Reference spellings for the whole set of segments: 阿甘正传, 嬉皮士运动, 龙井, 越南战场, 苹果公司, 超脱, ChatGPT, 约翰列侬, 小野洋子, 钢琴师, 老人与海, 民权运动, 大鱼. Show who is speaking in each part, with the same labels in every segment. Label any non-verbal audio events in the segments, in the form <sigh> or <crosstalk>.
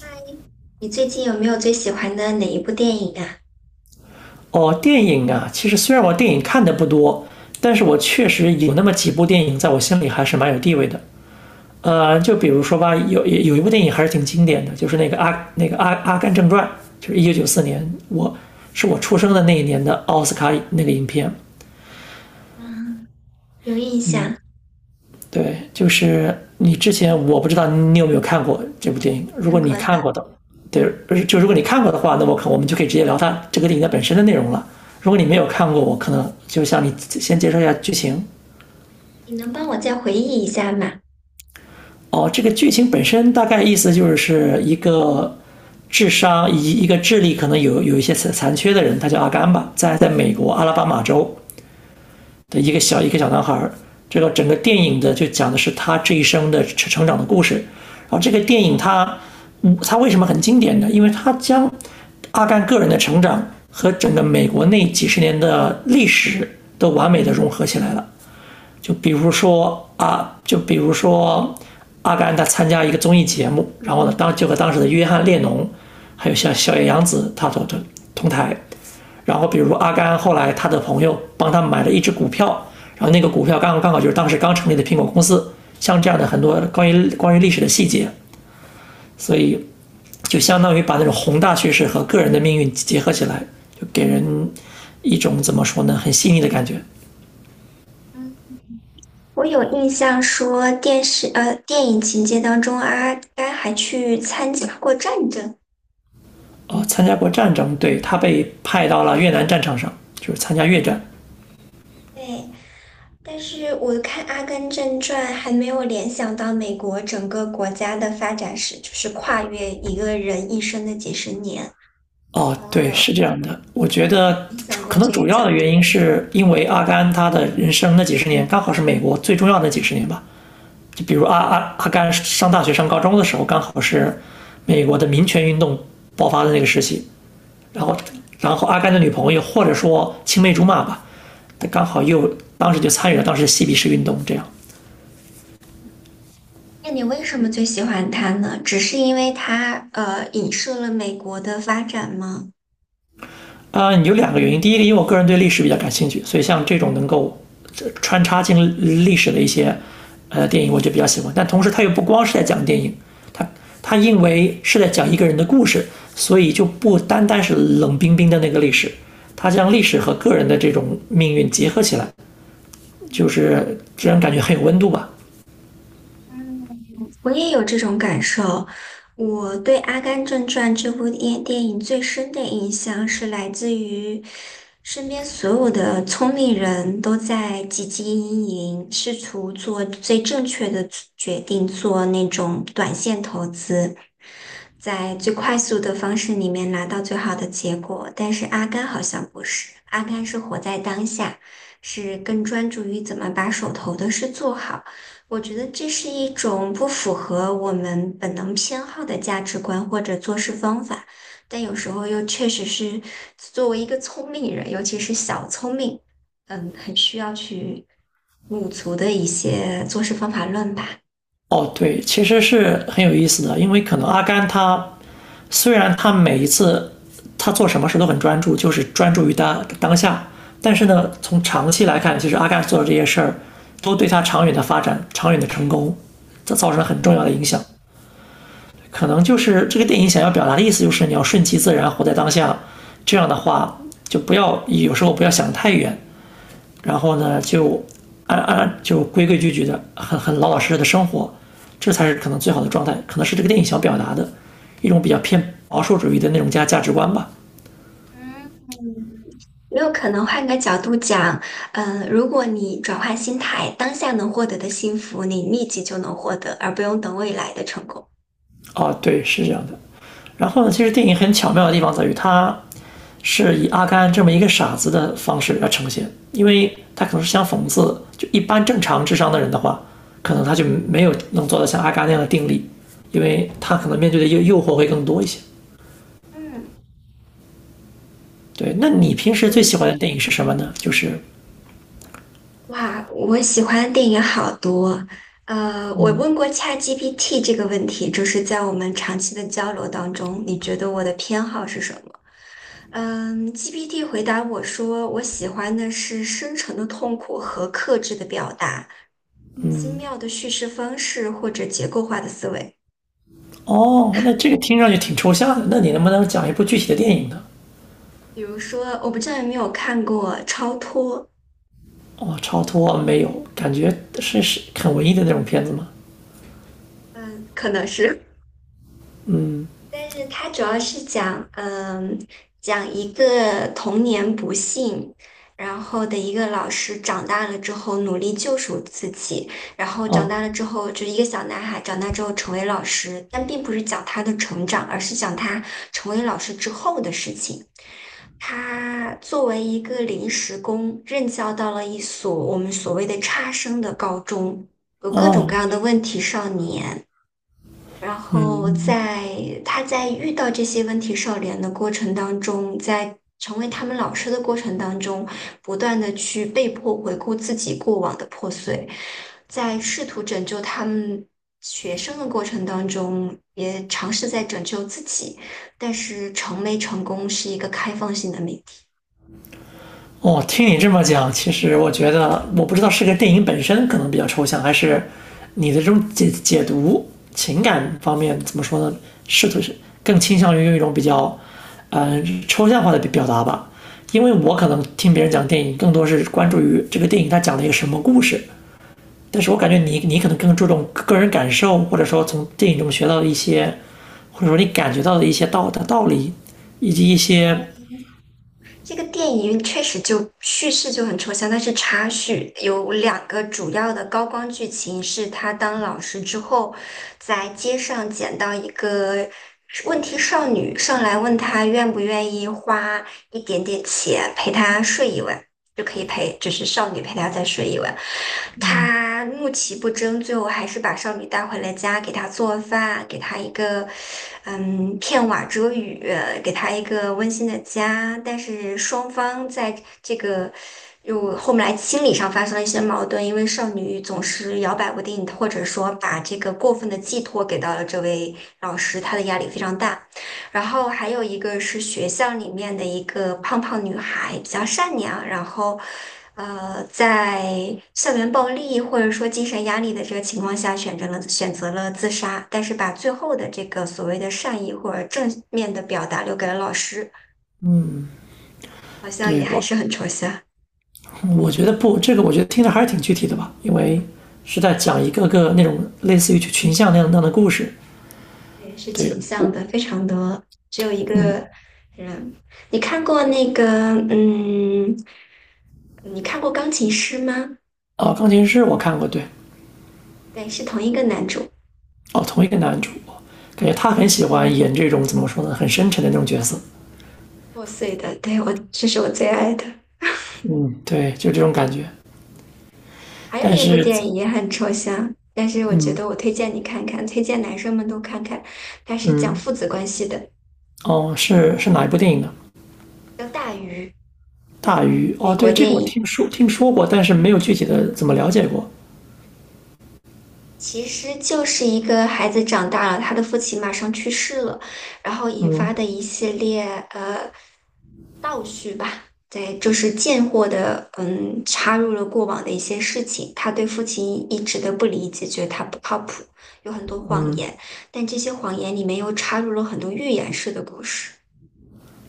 Speaker 1: 嗨，你最近有没有最喜欢的哪一部电影啊？
Speaker 2: 哦，电影啊，其实虽然我电影看的不多，但是我确实有那么几部电影在我心里还是蛮有地位的。就比如说吧，有一部电影还是挺经典的，就是那个阿甘正传，就是1994年，我出生的那一年的奥斯卡那个影片。
Speaker 1: 嗯，有印象，
Speaker 2: 对，就是你之前我不知道你有没有看过这部电影，如果
Speaker 1: 看过
Speaker 2: 你
Speaker 1: 的。
Speaker 2: 看过的，对，就如果你看过的话，那我们就可以直接聊它这个电影的本身的内容了。如果你没有看过，我可能就向你先介绍一下剧情。
Speaker 1: 你能帮我再回忆一下吗？
Speaker 2: 哦，这个剧情本身大概意思就是一个智商以一个智力可能有一些残缺的人，他叫阿甘吧，在美国阿拉巴马州的一个小男孩，这个整个电影的就讲的是他这一生的成长的故事。然后这个电影它它为什么很经典呢？因为它将阿甘个人的成长和整个美国那几十年的历史都完美的融合起来了。就比如说啊，就比如说阿甘他参加一个综艺节目，然后呢，就和当时的约翰列侬，还有像小野洋子他都同台，然后比如阿甘后来他的朋友帮他买了一只股票，然后那个股票刚好就是当时刚成立的苹果公司，像这样的很多关于历史的细节，所以就相当于把那种宏大叙事和个人的命运结合起来，就给人一种怎么说呢，很细腻的感觉。
Speaker 1: 嗯，我有印象说电影情节当中，阿甘还去参加过战争。
Speaker 2: 哦、参加过战争，对他被派到了越南战场上，就是参加越战。
Speaker 1: 对，但是我看《阿甘正传》还没有联想到美国整个国家的发展史，就是跨越一个人一生的几十年。
Speaker 2: 哦，对，
Speaker 1: 呃，
Speaker 2: 是这样的。我觉得
Speaker 1: 你想过
Speaker 2: 可能
Speaker 1: 这
Speaker 2: 主
Speaker 1: 个角？
Speaker 2: 要的原因是因为阿甘他的人生那几十年刚好是美国最重要的几十年吧。就比如阿甘上大学上高中的时候，刚好是美国的民权运动爆发的那个时期。然后，然后阿甘的女朋友或者说青梅竹马吧，他刚好又当时就参与了当时的嬉皮士运动，这样。
Speaker 1: 那你为什么最喜欢他呢？只是因为他影射了美国的发展吗？
Speaker 2: 啊、有两个原因。第一个，因为我个人对历史比较感兴趣，所以像这种能够穿插进历史的一些电影，我就比较喜欢。但同时，它又不光是在讲电影，它它因为是在讲一个人的故事，所以就不单单是冷冰冰的那个历史，它将历史和个人的这种命运结合起来，就是让人感觉很有温度吧。
Speaker 1: 嗯，我也有这种感受。我对《阿甘正传》这部电影最深的印象是来自于身边所有的聪明人都在汲汲营营，试图做最正确的决定，做那种短线投资，在最快速的方式里面拿到最好的结果。但是阿甘好像不是，阿甘是活在当下，是更专注于怎么把手头的事做好。我觉得这是一种不符合我们本能偏好的价值观或者做事方法，但有时候又确实是作为一个聪明人，尤其是小聪明，嗯，很需要去补足的一些做事方法论吧。
Speaker 2: 哦，对，其实是很有意思的，因为可能阿甘他虽然他每一次他做什么事都很专注，就是专注于他当下，但是呢，从长期来看，其实阿甘做的这些事儿都对他长远的发展、长远的成功，这造成了很重要的
Speaker 1: 嗯。
Speaker 2: 影响。可能就是这个电影想要表达的意思，就是你要顺其自然，活在当下。这样的话，就不要有时候不要想太远，然后呢就安安就规规矩矩的，很老老实实的生活，这才是可能最好的状态，可能是这个电影想表达的一种比较偏保守主义的那种价值观吧。
Speaker 1: 嗯，没有可能换个角度讲，嗯，如果你转换心态，当下能获得的幸福，你立即就能获得，而不用等未来的成功。
Speaker 2: 哦，对，是这样的。然后呢，其实电影很巧妙的地方在于，它是以阿甘这么一个傻子的方式来呈现，因为他可能是想讽刺，就一般正常智商的人的话，可能他就没有能做到像阿甘那样的定力，因为他可能
Speaker 1: 嗯
Speaker 2: 面对的诱惑会更多一些。
Speaker 1: 嗯，
Speaker 2: 对，那你
Speaker 1: 关
Speaker 2: 平时最
Speaker 1: 注
Speaker 2: 喜欢的电影是什么呢？就是
Speaker 1: 哇，我喜欢的电影好多。我问过 ChatGPT 这个问题，就是在我们长期的交流当中，你觉得我的偏好是什么？嗯，GPT 回答我说，我喜欢的是深沉的痛苦和克制的表达，精妙的叙事方式或者结构化的思维。
Speaker 2: 哦，那这个听上去挺抽象的，那你能不能讲一部具体的电影呢？
Speaker 1: 比如说，我不知道有没有看过《超脱》，
Speaker 2: 哦，超脱没有，感觉是很文艺的那种片子吗？
Speaker 1: 嗯，可能是。但是它主要是讲，讲一个童年不幸，然后的一个老师长大了之后努力救赎自己，然后长大
Speaker 2: 哦
Speaker 1: 了之后就是一个小男孩长大之后成为老师，但并不是讲他的成长，而是讲他成为老师之后的事情。他作为一个临时工，任教到了一所我们所谓的差生的高中，有各种各
Speaker 2: 哦，
Speaker 1: 样的问题少年。然后
Speaker 2: 嗯。
Speaker 1: 在他在遇到这些问题少年的过程当中，在成为他们老师的过程当中，不断的去被迫回顾自己过往的破碎，在试图拯救他们学生的过程当中，也尝试在拯救自己，但是成没成功是一个开放性的命题。
Speaker 2: 哦，听你这么讲，其实我觉得，我不知道是个电影本身可能比较抽象，还是你的这种解读情感方面怎么说呢？试图是更倾向于用一种比较，抽象化的表达吧。因为我可能听别人讲电影，更多是关注于这个电影它讲了一个什么故事，但是我感觉你可能更注重个人感受，或者说从电影中学到的一些，或者说你感觉到的一些道理，以及一些
Speaker 1: 这个电影确实就叙事就很抽象，但是插叙有两个主要的高光剧情是他当老师之后，在街上捡到一个问题少女，上来问他愿不愿意花一点点钱陪她睡一晚，就可以陪，就是少女陪她再睡一晚。他怒其不争，最后还是把少女带回了家，给她做饭，给她一个片瓦遮雨，给她一个温馨的家。但是双方在这个又后面来心理上发生了一些矛盾，因为少女总是摇摆不定，或者说把这个过分的寄托给到了这位老师，她的压力非常大。然后还有一个是学校里面的一个胖胖女孩，比较善良，然后，在校园暴力或者说精神压力的这个情况下，选择了自杀，但是把最后的这个所谓的善意或者正面的表达留给了老师，好像也
Speaker 2: 对
Speaker 1: 还
Speaker 2: 我。
Speaker 1: 是很抽象，
Speaker 2: 我觉得不，这个我觉得听着还是挺具体的吧，因为是在讲一个个那种类似于群像那样的故事。
Speaker 1: 对，是
Speaker 2: 对
Speaker 1: 倾向
Speaker 2: 我，
Speaker 1: 的，非常的只有一
Speaker 2: 嗯，
Speaker 1: 个人。你看过那个，嗯，你看过钢琴师吗？
Speaker 2: 哦，钢琴师我看过，对，
Speaker 1: 对，是同一个男主。
Speaker 2: 哦，同一个男主，感觉他很喜欢演这种怎么说呢，很深沉的那种角色。
Speaker 1: 破碎的，对，我，这是我最爱的。
Speaker 2: 嗯，对，就这种感觉。
Speaker 1: 还有
Speaker 2: 但
Speaker 1: 一部
Speaker 2: 是，
Speaker 1: 电影也很抽象，但是我觉
Speaker 2: 嗯
Speaker 1: 得我推荐你看看，推荐男生们都看看。它是讲父
Speaker 2: 嗯，
Speaker 1: 子关系的，
Speaker 2: 哦，是哪一部电影呢？
Speaker 1: 叫《大鱼》，
Speaker 2: 大鱼
Speaker 1: 美
Speaker 2: 哦，
Speaker 1: 国
Speaker 2: 对，这
Speaker 1: 电
Speaker 2: 个我
Speaker 1: 影。
Speaker 2: 听说过，但是没有具体的怎么了解过。
Speaker 1: 其实就是一个孩子长大了，他的父亲马上去世了，然后引发
Speaker 2: 嗯
Speaker 1: 的一系列呃倒叙吧，对，就是贱货的插入了过往的一些事情，他对父亲一直的不理解，觉得他不靠谱，有很多谎
Speaker 2: 嗯
Speaker 1: 言，但这些谎言里面又插入了很多寓言式的故事，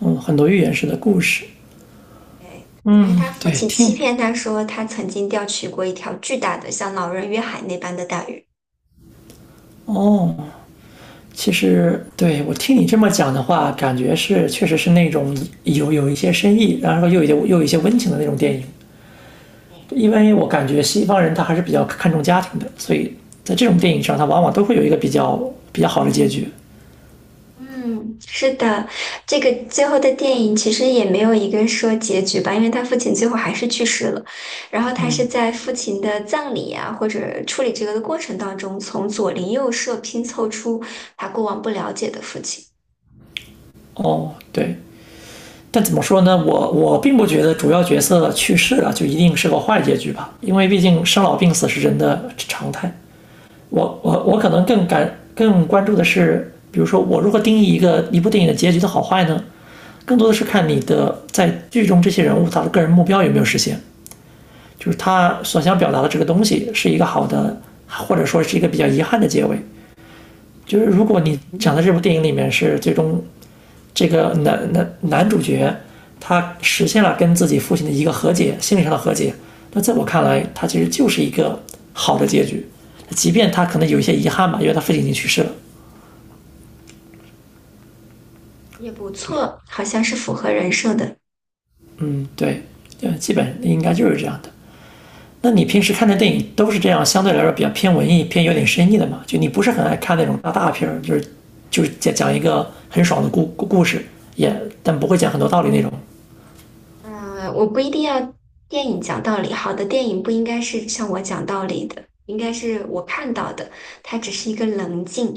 Speaker 2: 嗯，很多寓言式的故事。
Speaker 1: 对。因为
Speaker 2: 嗯，
Speaker 1: 他父
Speaker 2: 对，
Speaker 1: 亲欺
Speaker 2: 听
Speaker 1: 骗他说，他曾经钓取过一条巨大的，像老人与海那般的大鱼。
Speaker 2: 哦，其实对我听你这么讲的话，感觉是确实是那种有一些深意，然后又有一些温情的那种电影。
Speaker 1: 对
Speaker 2: 因为我感觉西方人他还是比较看重家庭的，所以在这种电影上，他往往都会有一个比较好的结局。
Speaker 1: 嗯，是的，这个最后的电影其实也没有一个说结局吧，因为他父亲最后还是去世了。然后他是在父亲的葬礼啊，或者处理这个的过程当中，从左邻右舍拼凑出他过往不了解的父亲，
Speaker 2: 哦，对，但怎么说呢？我并不觉得主要角色去世了就一定是个坏结局吧，因为毕竟生老病死是人的常态。我可能更关注的是，比如说我如何定义一部电影的结局的好坏呢？更多的是看你的在剧中这些人物他的个人目标有没有实现，就是他所想表达的这个东西是一个好的，或者说是一个比较遗憾的结尾。就是如果你讲
Speaker 1: 嗯，
Speaker 2: 的这部电影里面是最终这个男主角他实现了跟自己父亲的一个和解，心理上的和解，那在我看来，他其实就是一个好的结局，即便他可能有一些遗憾吧，因为他父亲已经去世了。
Speaker 1: 也不
Speaker 2: 对，
Speaker 1: 错，好像是符合人设的。
Speaker 2: 嗯，对，基本应该就是这样的。那你平时看的电影都是这样，相对来说比较偏文艺、偏有点深意的嘛？就你不是很爱看那种大片儿，就是就是讲一个很爽的故事，也但不会讲很多道理那种。
Speaker 1: 嗯，我不一定要电影讲道理，好的电影不应该是向我讲道理的，应该是我看到的，它只是一个棱镜。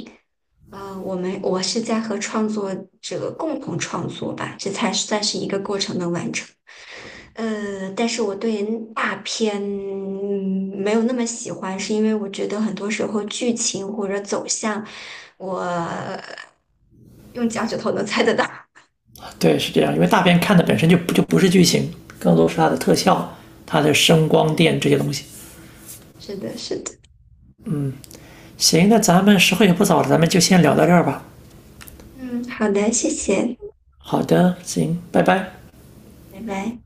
Speaker 1: 呃，我们我是在和创作者共同创作吧，这才算是一个过程的完成。但是我对大片没有那么喜欢，是因为我觉得很多时候剧情或者走向，我用脚趾头能猜得到。
Speaker 2: 对，是这样，因为大片看的本身就不是剧情，更多是它的特效、它的声光
Speaker 1: <laughs>
Speaker 2: 电这些东西。
Speaker 1: 是的，是的。
Speaker 2: 行，那咱们时候也不早了，咱们就先聊到这儿吧。
Speaker 1: 嗯，好的，谢谢，
Speaker 2: 好的，行，拜拜。
Speaker 1: 拜拜。